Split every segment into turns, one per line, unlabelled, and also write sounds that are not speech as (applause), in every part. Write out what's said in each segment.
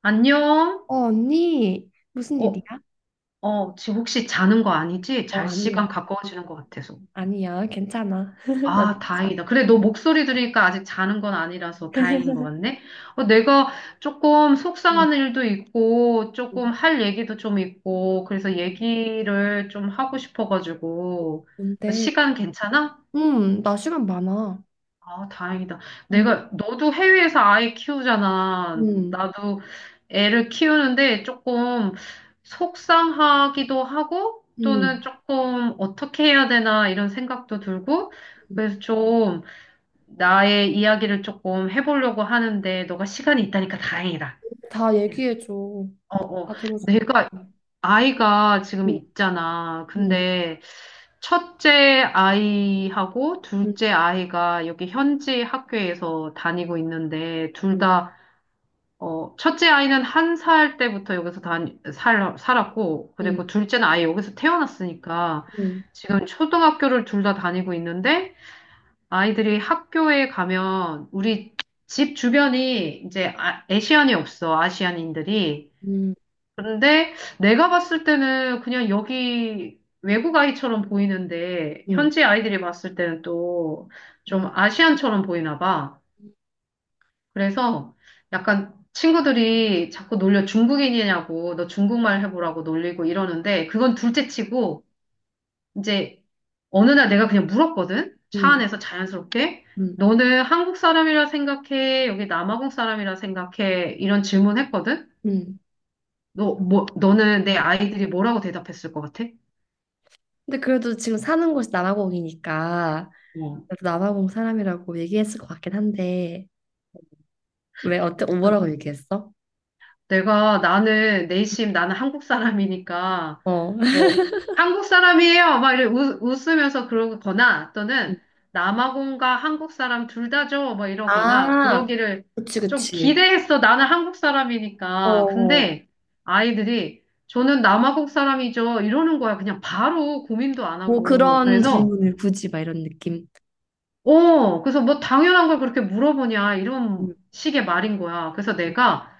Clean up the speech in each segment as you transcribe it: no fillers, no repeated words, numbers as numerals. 안녕?
어, 언니, 무슨 일이야?
어, 어, 지금 혹시 자는 거 아니지?
어,
잘 시간
아니야.
가까워지는 것 같아서.
아니야, 괜찮아. (laughs) 나
아,
늦었어.
다행이다. 그래, 너 목소리 들으니까 아직 자는 건 아니라서 다행인 것 같네. 어, 내가 조금
응,
속상한 일도 있고,
응.
조금 할 얘기도 좀 있고, 그래서 얘기를 좀 하고 싶어가지고.
뭔데?
시간 괜찮아?
응, 나 시간 많아.
아, 다행이다.
응.
너도 해외에서 아이 키우잖아.
응,
나도 애를 키우는데 조금 속상하기도 하고 또는
응,
조금 어떻게 해야 되나 이런 생각도 들고
응.
그래서 좀 나의 이야기를 조금 해보려고 하는데 너가 시간이 있다니까 다행이다.
다
예.
얘기해줘.
어, 어.
다 들어줘.
내가
응,
아이가 지금 있잖아.
응,
근데 첫째 아이하고
응,
둘째 아이가 여기 현지 학교에서 다니고 있는데 둘
응,
다, 첫째 아이는 한 살 때부터 여기서 살았고, 그리고
응,
둘째는 아예 여기서 태어났으니까
응,
지금 초등학교를 둘 다 다니고 있는데 아이들이 학교에 가면 우리 집 주변이 이제 아시안이 없어, 아시안인들이.
응,
근데 내가 봤을 때는 그냥 여기 외국 아이처럼 보이는데
응,
현지 아이들이 봤을 때는 또
응,
좀
응.
아시안처럼 보이나 봐. 그래서 약간 친구들이 자꾸 놀려 중국인이냐고 너 중국말 해보라고 놀리고 이러는데 그건 둘째 치고 이제 어느 날 내가 그냥 물었거든. 차
응,
안에서 자연스럽게 너는 한국 사람이라 생각해? 여기 남아공 사람이라 생각해? 이런 질문했거든.
응.
너는 내 아이들이 뭐라고 대답했을 것 같아?
근데 그래도 지금 사는 곳이 남아공이니까
어,
그래도 남아공 사람이라고 얘기했을 것 같긴 한데, 왜 어때?
그
뭐라고 얘기했어?
내가 나는 내심 나는 한국 사람이니까
어. (laughs)
뭐 한국 사람이에요 막 이래 웃으면서 그러거나 또는 남아공과 한국 사람 둘 다죠 막 이러거나
아,
그러기를
그치,
좀
그치.
기대했어 나는 한국
어,
사람이니까.
어.
근데 아이들이 저는 남아공 사람이죠 이러는 거야 그냥 바로 고민도 안
뭐
하고
그런
그래서
질문을 굳이 막 이런 느낌.
그래서 뭐 당연한 걸 그렇게 물어보냐, 이런
음,
식의 말인 거야. 그래서
음,
내가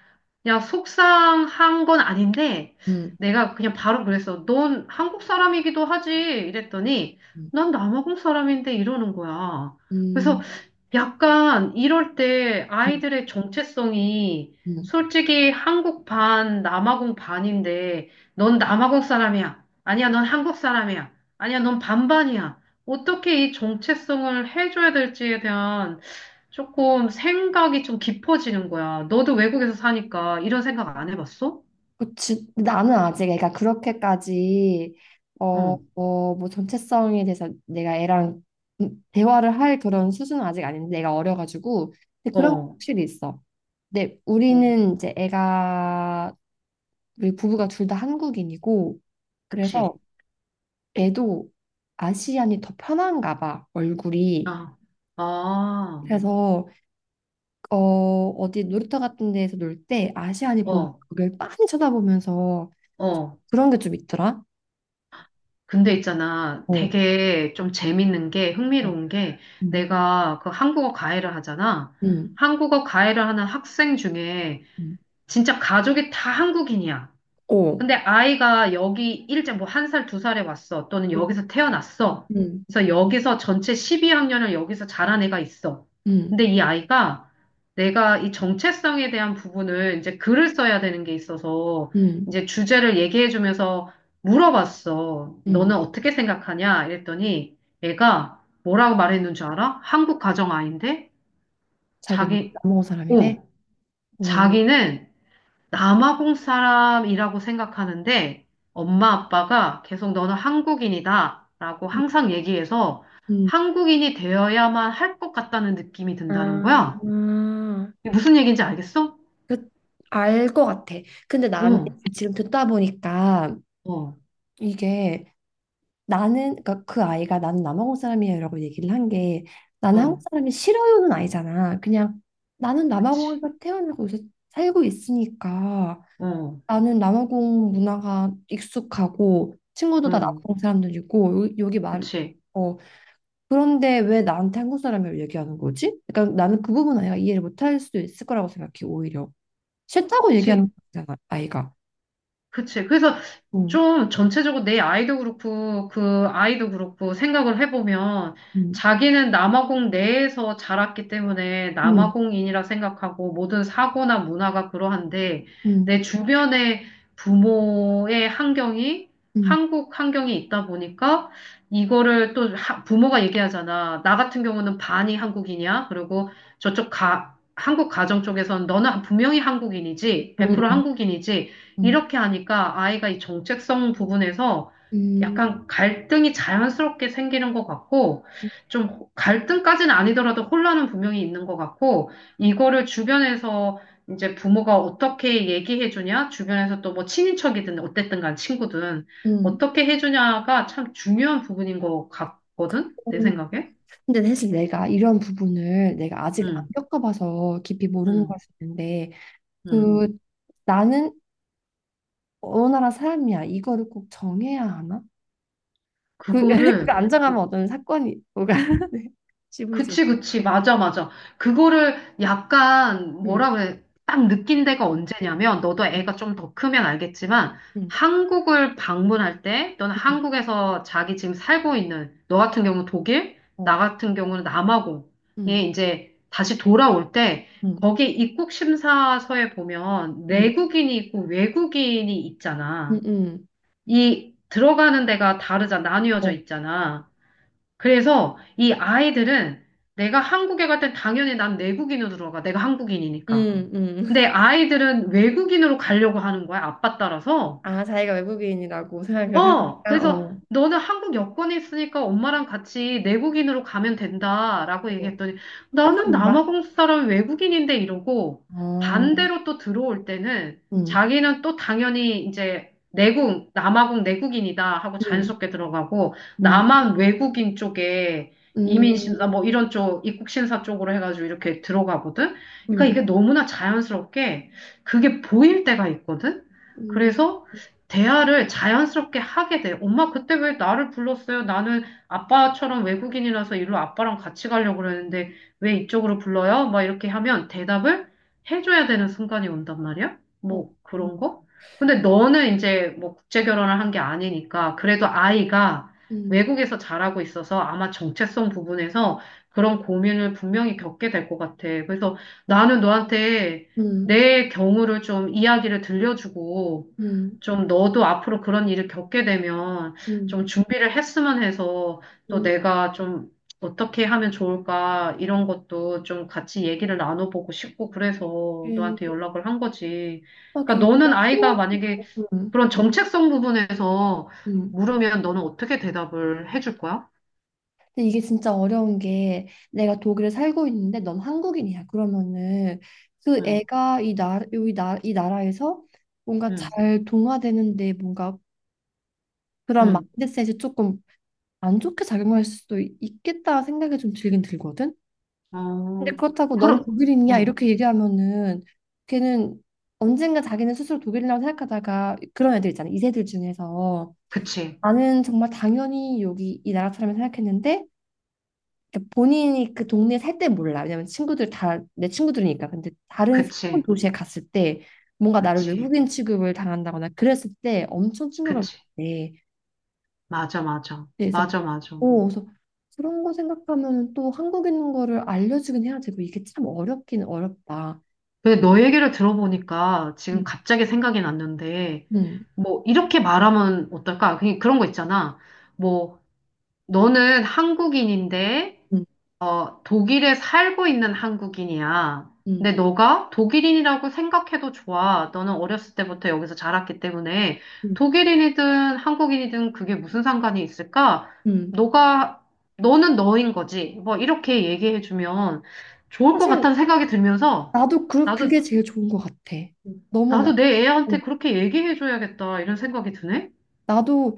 그냥 속상한 건 아닌데, 내가 그냥 바로 그랬어. 넌 한국 사람이기도 하지. 이랬더니,
음,
난 남아공 사람인데 이러는 거야. 그래서
음,
약간 이럴 때
음.
아이들의 정체성이
음.
솔직히 한국 반, 남아공 반인데 넌 남아공 사람이야. 아니야, 넌 한국 사람이야. 아니야, 넌 반반이야. 어떻게 이 정체성을 해줘야 될지에 대한 조금 생각이 좀 깊어지는 거야. 너도 외국에서 사니까 이런 생각 안 해봤어?
그치. 근데 나는 아직 애가 그렇게까지, 어,
어,
어, 뭐 전체성에 대해서 내가 애랑 대화를 할 그런 수준은 아직 아닌데, 내가 어려가지고. 근데 그런 거
어,
확실히 있어. 근데
네.
우리는 이제 애가, 우리 부부가 둘 다 한국인이고 그래서
그치.
애도 아시안이 더 편한가 봐, 얼굴이.
아, 아,
음. 그래서 어, 어디 놀이터 같은 데에서 놀 때 아시안이 보이면
어,
그걸 빤히 쳐다보면서 좀,
어.
그런 게 좀 있더라.
근데 있잖아,
어.
되게 좀 재밌는 게,
어.
흥미로운 게,
음.
내가 그 한국어 과외를 하잖아.
음.
한국어 과외를 하는 학생 중에
음.
진짜 가족이 다 한국인이야.
어.
근데 아이가 여기 일찍 뭐 한 살, 두 살에 왔어. 또는
음.
여기서 태어났어.
음.
그래서 여기서 전체 12학년을 여기서 자란 애가 있어.
음.
근데 이 아이가 내가 이 정체성에 대한 부분을 이제 글을 써야 되는 게 있어서
음.
이제 주제를 얘기해 주면서 물어봤어.
음.
너는 어떻게 생각하냐? 이랬더니 애가 뭐라고 말했는 줄 알아? 한국 가정 아이인데
자기
자기,
남은 사람이래.
어,
어.
자기는 남아공 사람이라고 생각하는데 엄마 아빠가 계속 너는 한국인이다라고
음.
항상 얘기해서
음.
한국인이 되어야만 할 것 같다는 느낌이 든다는
아,
거야. 이게 무슨 얘기인지 알겠어?
그, 알 것 같아. 근데
어,
나는 지금 듣다 보니까
어,
이게, 나는 그러니까 그 아이가 나는 남아공 사람이야라고 얘기를 한 게, 나는 한국
어,
사람이 싫어요는 아니잖아. 그냥 나는
그치.
남아공에서 태어나고 요새 살고 있으니까
어,
나는 남아공 문화가 익숙하고 친구도 다
어,
남아공 사람들이고 여기 말,
그치.
어, 그런데 왜 나한테 한국 사람이라고 얘기하는 거지? 그러니까 나는 그 부분 아이가 이해를 못할 수도 있을 거라고 생각해, 오히려 싫다고
그치.
얘기하는 거잖아 아이가.
그치. 그래서
음,
좀 전체적으로 내 아이도 그렇고 그 아이도 그렇고 생각을 해보면
음,
자기는 남아공 내에서 자랐기 때문에
음,
남아공인이라 생각하고 모든 사고나 문화가 그러한데
음,
내 주변의 부모의 환경이
음,
한국 환경이 있다 보니까 이거를 또 부모가 얘기하잖아. 나 같은 경우는 반이 한국인이야. 그리고 저쪽 한국 가정 쪽에선 너는 분명히 한국인이지. 100%
음,
한국인이지.
음,
이렇게 하니까 아이가 이 정체성 부분에서
음,
약간 갈등이 자연스럽게 생기는 것 같고,
음.
좀 갈등까지는 아니더라도 혼란은 분명히 있는 것 같고, 이거를 주변에서 이제 부모가 어떻게 얘기해 주냐, 주변에서 또 뭐 친인척이든 어쨌든 간 친구든
음.
어떻게 해 주냐가 참 중요한 부분인 것 같거든, 내
음.
생각에.
근데 사실 내가 이런 부분을 내가 아직 안
음,
겪어봐서 깊이 모르는 걸
음,
수 있는데,
음.
그 나는 어느 나라 사람이야, 이거를 꼭 정해야 하나? 그, (laughs) 그
그거를
안정하면
뭐
어떤 사건이 뭐가 (laughs) 네. 지불지.
그치, 그치. 맞아, 맞아. 그거를 약간
음,
뭐라 그래. 딱 느낀 데가 언제냐면, 너도 애가 좀 더 크면 알겠지만,
음,
한국을 방문할 때, 또는
음,
한국에서 자기 지금 살고 있는, 너 같은 경우는 독일, 나
어,
같은 경우는 남아공에
음,
이제 다시 돌아올 때,
음,
거기 입국 심사서에 보면
음,
내국인이 있고 외국인이
음,
있잖아.
음,
이 들어가는 데가 다르잖아. 나뉘어져
어,
있잖아. 그래서 이 아이들은 내가 한국에 갈 땐 당연히 난 내국인으로 들어가. 내가 한국인이니까.
음,
근데
음.
아이들은 외국인으로 가려고 하는 거야. 아빠 따라서.
아, 자기가 외국인이라고 생각을
어,
하니까,
그래서
어,
너는 한국 여권이 있으니까 엄마랑 같이 내국인으로 가면 된다라고
어,
얘기했더니
깜짝
나는
놀라.
남아공 사람 외국인인데 이러고
어,
반대로 또 들어올 때는
음,
자기는 또 당연히 이제 내국, 남아공 내국인이다 하고
음,
자연스럽게 들어가고
음,
남한 외국인 쪽에
음,
이민심사 뭐 이런 쪽 입국심사 쪽으로 해가지고 이렇게 들어가거든. 그러니까
음,
이게 너무나 자연스럽게 그게 보일 때가 있거든.
음,
그래서 대화를 자연스럽게 하게 돼. 엄마, 그때 왜 나를 불렀어요? 나는 아빠처럼 외국인이라서 일로 아빠랑 같이 가려고 그러는데 왜 이쪽으로 불러요? 막 이렇게 하면 대답을 해줘야 되는 순간이 온단 말이야?
어.
뭐
응.
그런 거? 근데 너는 이제 뭐 국제 결혼을 한 게 아니니까 그래도 아이가
음,
외국에서 자라고 있어서 아마 정체성 부분에서 그런 고민을 분명히 겪게 될 것 같아. 그래서 나는 너한테
음,
내 경우를 좀 이야기를 들려주고
음,
좀 너도 앞으로 그런 일을 겪게 되면
음,
좀 준비를 했으면 해서 또
음.
내가 좀 어떻게 하면 좋을까 이런 것도 좀 같이 얘기를 나눠보고 싶고 그래서
하긴,
너한테 연락을 한 거지. 그러니까
하긴, 그거
너는 아이가
필요,
만약에
음,
그런 정체성 부분에서
음.
물으면 너는 어떻게 대답을 해줄 거야?
근데 이게 진짜 어려운 게, 내가 독일에 살고 있는데 넌 한국인이야, 그러면은 그
응,
애가 이 나라에서 뭔가
응,
잘 동화되는데 뭔가 그런
응.
마인드셋이 조금 안 좋게 작용할 수도 있겠다 생각이 좀 들긴 들거든. 근데
어,
그렇다고 넌
그러,
독일인이야
어,
이렇게 얘기하면은, 걔는 언젠가 자기는 스스로 독일이라고 생각하다가, 그런 애들 있잖아 이세들 중에서,
그치,
나는 정말 당연히 여기 이 나라 사람을 생각했는데. 그러니까 본인이 그 동네에 살 때 몰라, 왜냐면 친구들 다 내 친구들이니까. 근데 다른 새로운
그치,
도시에 갔을 때 뭔가 나를
그치,
외국인 취급을 당한다거나 그랬을 때 엄청 충격을
그치.
받대.
맞아, 맞아,
그래서,
맞아, 맞아.
오 그래서, 그런 거 생각하면 또 한국인 거를 알려주긴 해야 되고, 이게 참 어렵긴 어렵다.
근데 너 얘기를 들어보니까 지금 갑자기 생각이 났는데,
음,
뭐, 이렇게 말하면 어떨까? 그냥 그런 거 있잖아. 뭐, 너는 한국인인데
음,
독일에 살고 있는 한국인이야. 근데
음,
너가 독일인이라고 생각해도 좋아. 너는 어렸을 때부터 여기서 자랐기 때문에
음,
독일인이든 한국인이든 그게 무슨 상관이 있을까?
음.
너가, 너는 너인 거지. 뭐, 이렇게 얘기해주면 좋을 것
사실
같다는 생각이 들면서
나도 그
나도
그게 제일 좋은 것 같아. 너무 나
나도 내
어,
애한테 그렇게 얘기해줘야겠다, 이런 생각이 드네?
나도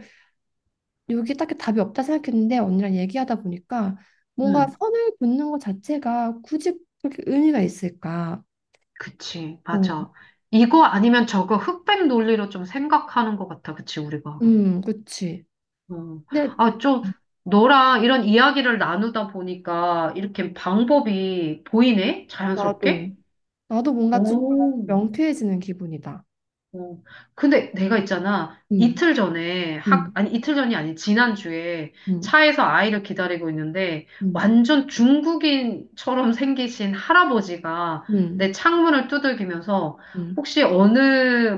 여기 딱히 답이 없다 생각했는데 언니랑 얘기하다 보니까 뭔가
응,
선을 긋는 것 자체가 굳이 그렇게 의미가 있을까?
그치,
어,
맞아. 이거 아니면 저거 흑백 논리로 좀 생각하는 것 같아, 그치, 우리가.
그치.
어.
근데
아, 좀, 너랑 이런 이야기를 나누다 보니까 이렇게 방법이 보이네?
나도
자연스럽게?
나도 뭔가 조금
오.
명쾌해지는 기분이다.
어, 근데 내가 있잖아.
음,
이틀 전에
음,
아니, 이틀 전이 아니 지난주에
음,
차에서 아이를 기다리고 있는데
음,
완전 중국인처럼 생기신 할아버지가
음,
내 창문을 두들기면서
음,
혹시 어느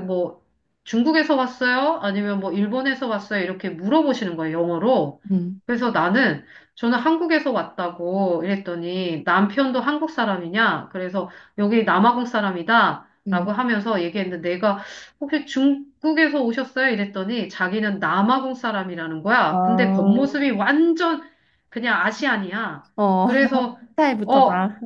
뭐 중국에서 왔어요? 아니면 뭐 일본에서 왔어요? 이렇게 물어보시는 거예요, 영어로.
음,
그래서 나는 저는 한국에서 왔다고 이랬더니 남편도 한국 사람이냐? 그래서 여기 남아공 사람이다. 라고
음.
하면서 얘기했는데 혹시 중국에서 오셨어요? 이랬더니 자기는 남아공 사람이라는 거야. 근데
아,
겉모습이 완전 그냥 아시안이야.
어, (laughs)
그래서,
스타일부터
어,
다.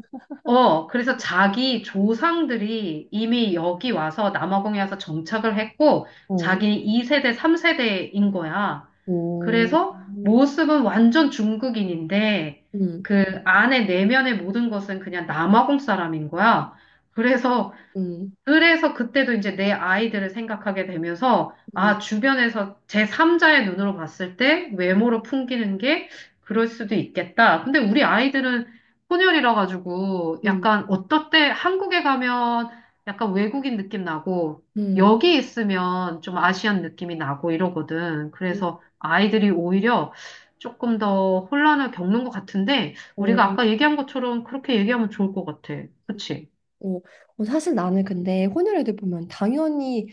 그래서 자기 조상들이 이미 여기 와서 남아공에 와서 정착을 했고,
어.
자기 2세대, 3세대인 거야.
오,
그래서 모습은 완전 중국인인데,
음,
그 안에 내면의 모든 것은 그냥 남아공 사람인 거야. 그래서
음,
그래서 그때도 이제 내 아이들을 생각하게 되면서,
음,
주변에서 제3자의 눈으로 봤을 때 외모로 풍기는 게 그럴 수도 있겠다. 근데 우리 아이들은 혼혈이라 가지고 약간 어떨 때 한국에 가면 약간 외국인 느낌 나고,
음,
여기 있으면 좀 아시안 느낌이 나고 이러거든.
음.
그래서 아이들이 오히려 조금 더 혼란을 겪는 것 같은데, 우리가
오,
아까 얘기한 것처럼 그렇게 얘기하면 좋을 것 같아. 그치?
오. 어, 사실 나는 근데 혼혈 애들 보면 당연히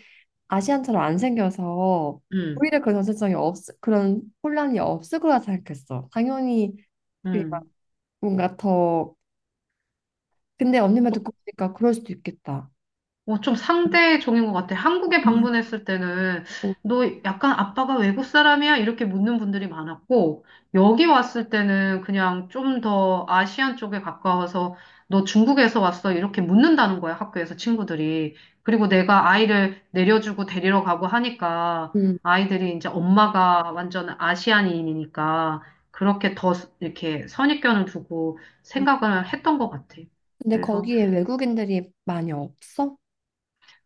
아시안처럼 안 생겨서
응,
오히려 그런 그런 혼란이 없을 거라 생각했어, 당연히. 그게 막
응.
뭔가 더, 근데 언니 말 듣고 보니까 그럴 수도 있겠다.
어, 좀 상대 종인 것 같아. 한국에 방문했을 때는
어,
너 약간 아빠가 외국 사람이야? 이렇게 묻는 분들이 많았고, 여기 왔을 때는 그냥 좀 더 아시안 쪽에 가까워서 너 중국에서 왔어? 이렇게 묻는다는 거야, 학교에서 친구들이. 그리고 내가 아이를 내려주고 데리러 가고 하니까
음.
아이들이 이제 엄마가 완전 아시안인이니까 그렇게 더 이렇게 선입견을 두고
음.
생각을 했던 것 같아.
근데
그래서
거기에 외국인들이 많이 없어?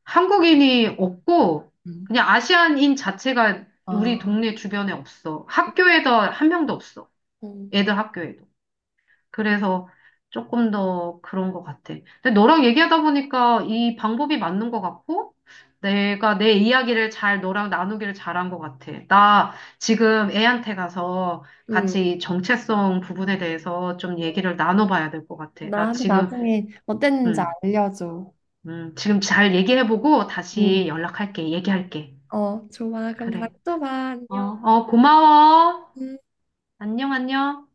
한국인이 없고,
음.
그냥 아시안인 자체가
아,
우리 동네 주변에 없어. 학교에도 한 명도 없어.
음.
애들 학교에도. 그래서 조금 더 그런 것 같아. 근데 너랑 얘기하다 보니까 이 방법이 맞는 것 같고, 내가 내 이야기를 잘 너랑 나누기를 잘한 것 같아. 나 지금 애한테 가서
음.
같이 정체성 부분에 대해서 좀 얘기를 나눠봐야 될 것 같아. 나
나한테
지금,
나중에 어땠는지
음,
알려줘.
지금 잘 얘기해보고
응.
다시 연락할게. 얘기할게.
어, 좋아. 그럼 다음에
그래.
또 봐.
어,
안녕.
어, 고마워.
음.
안녕, 안녕.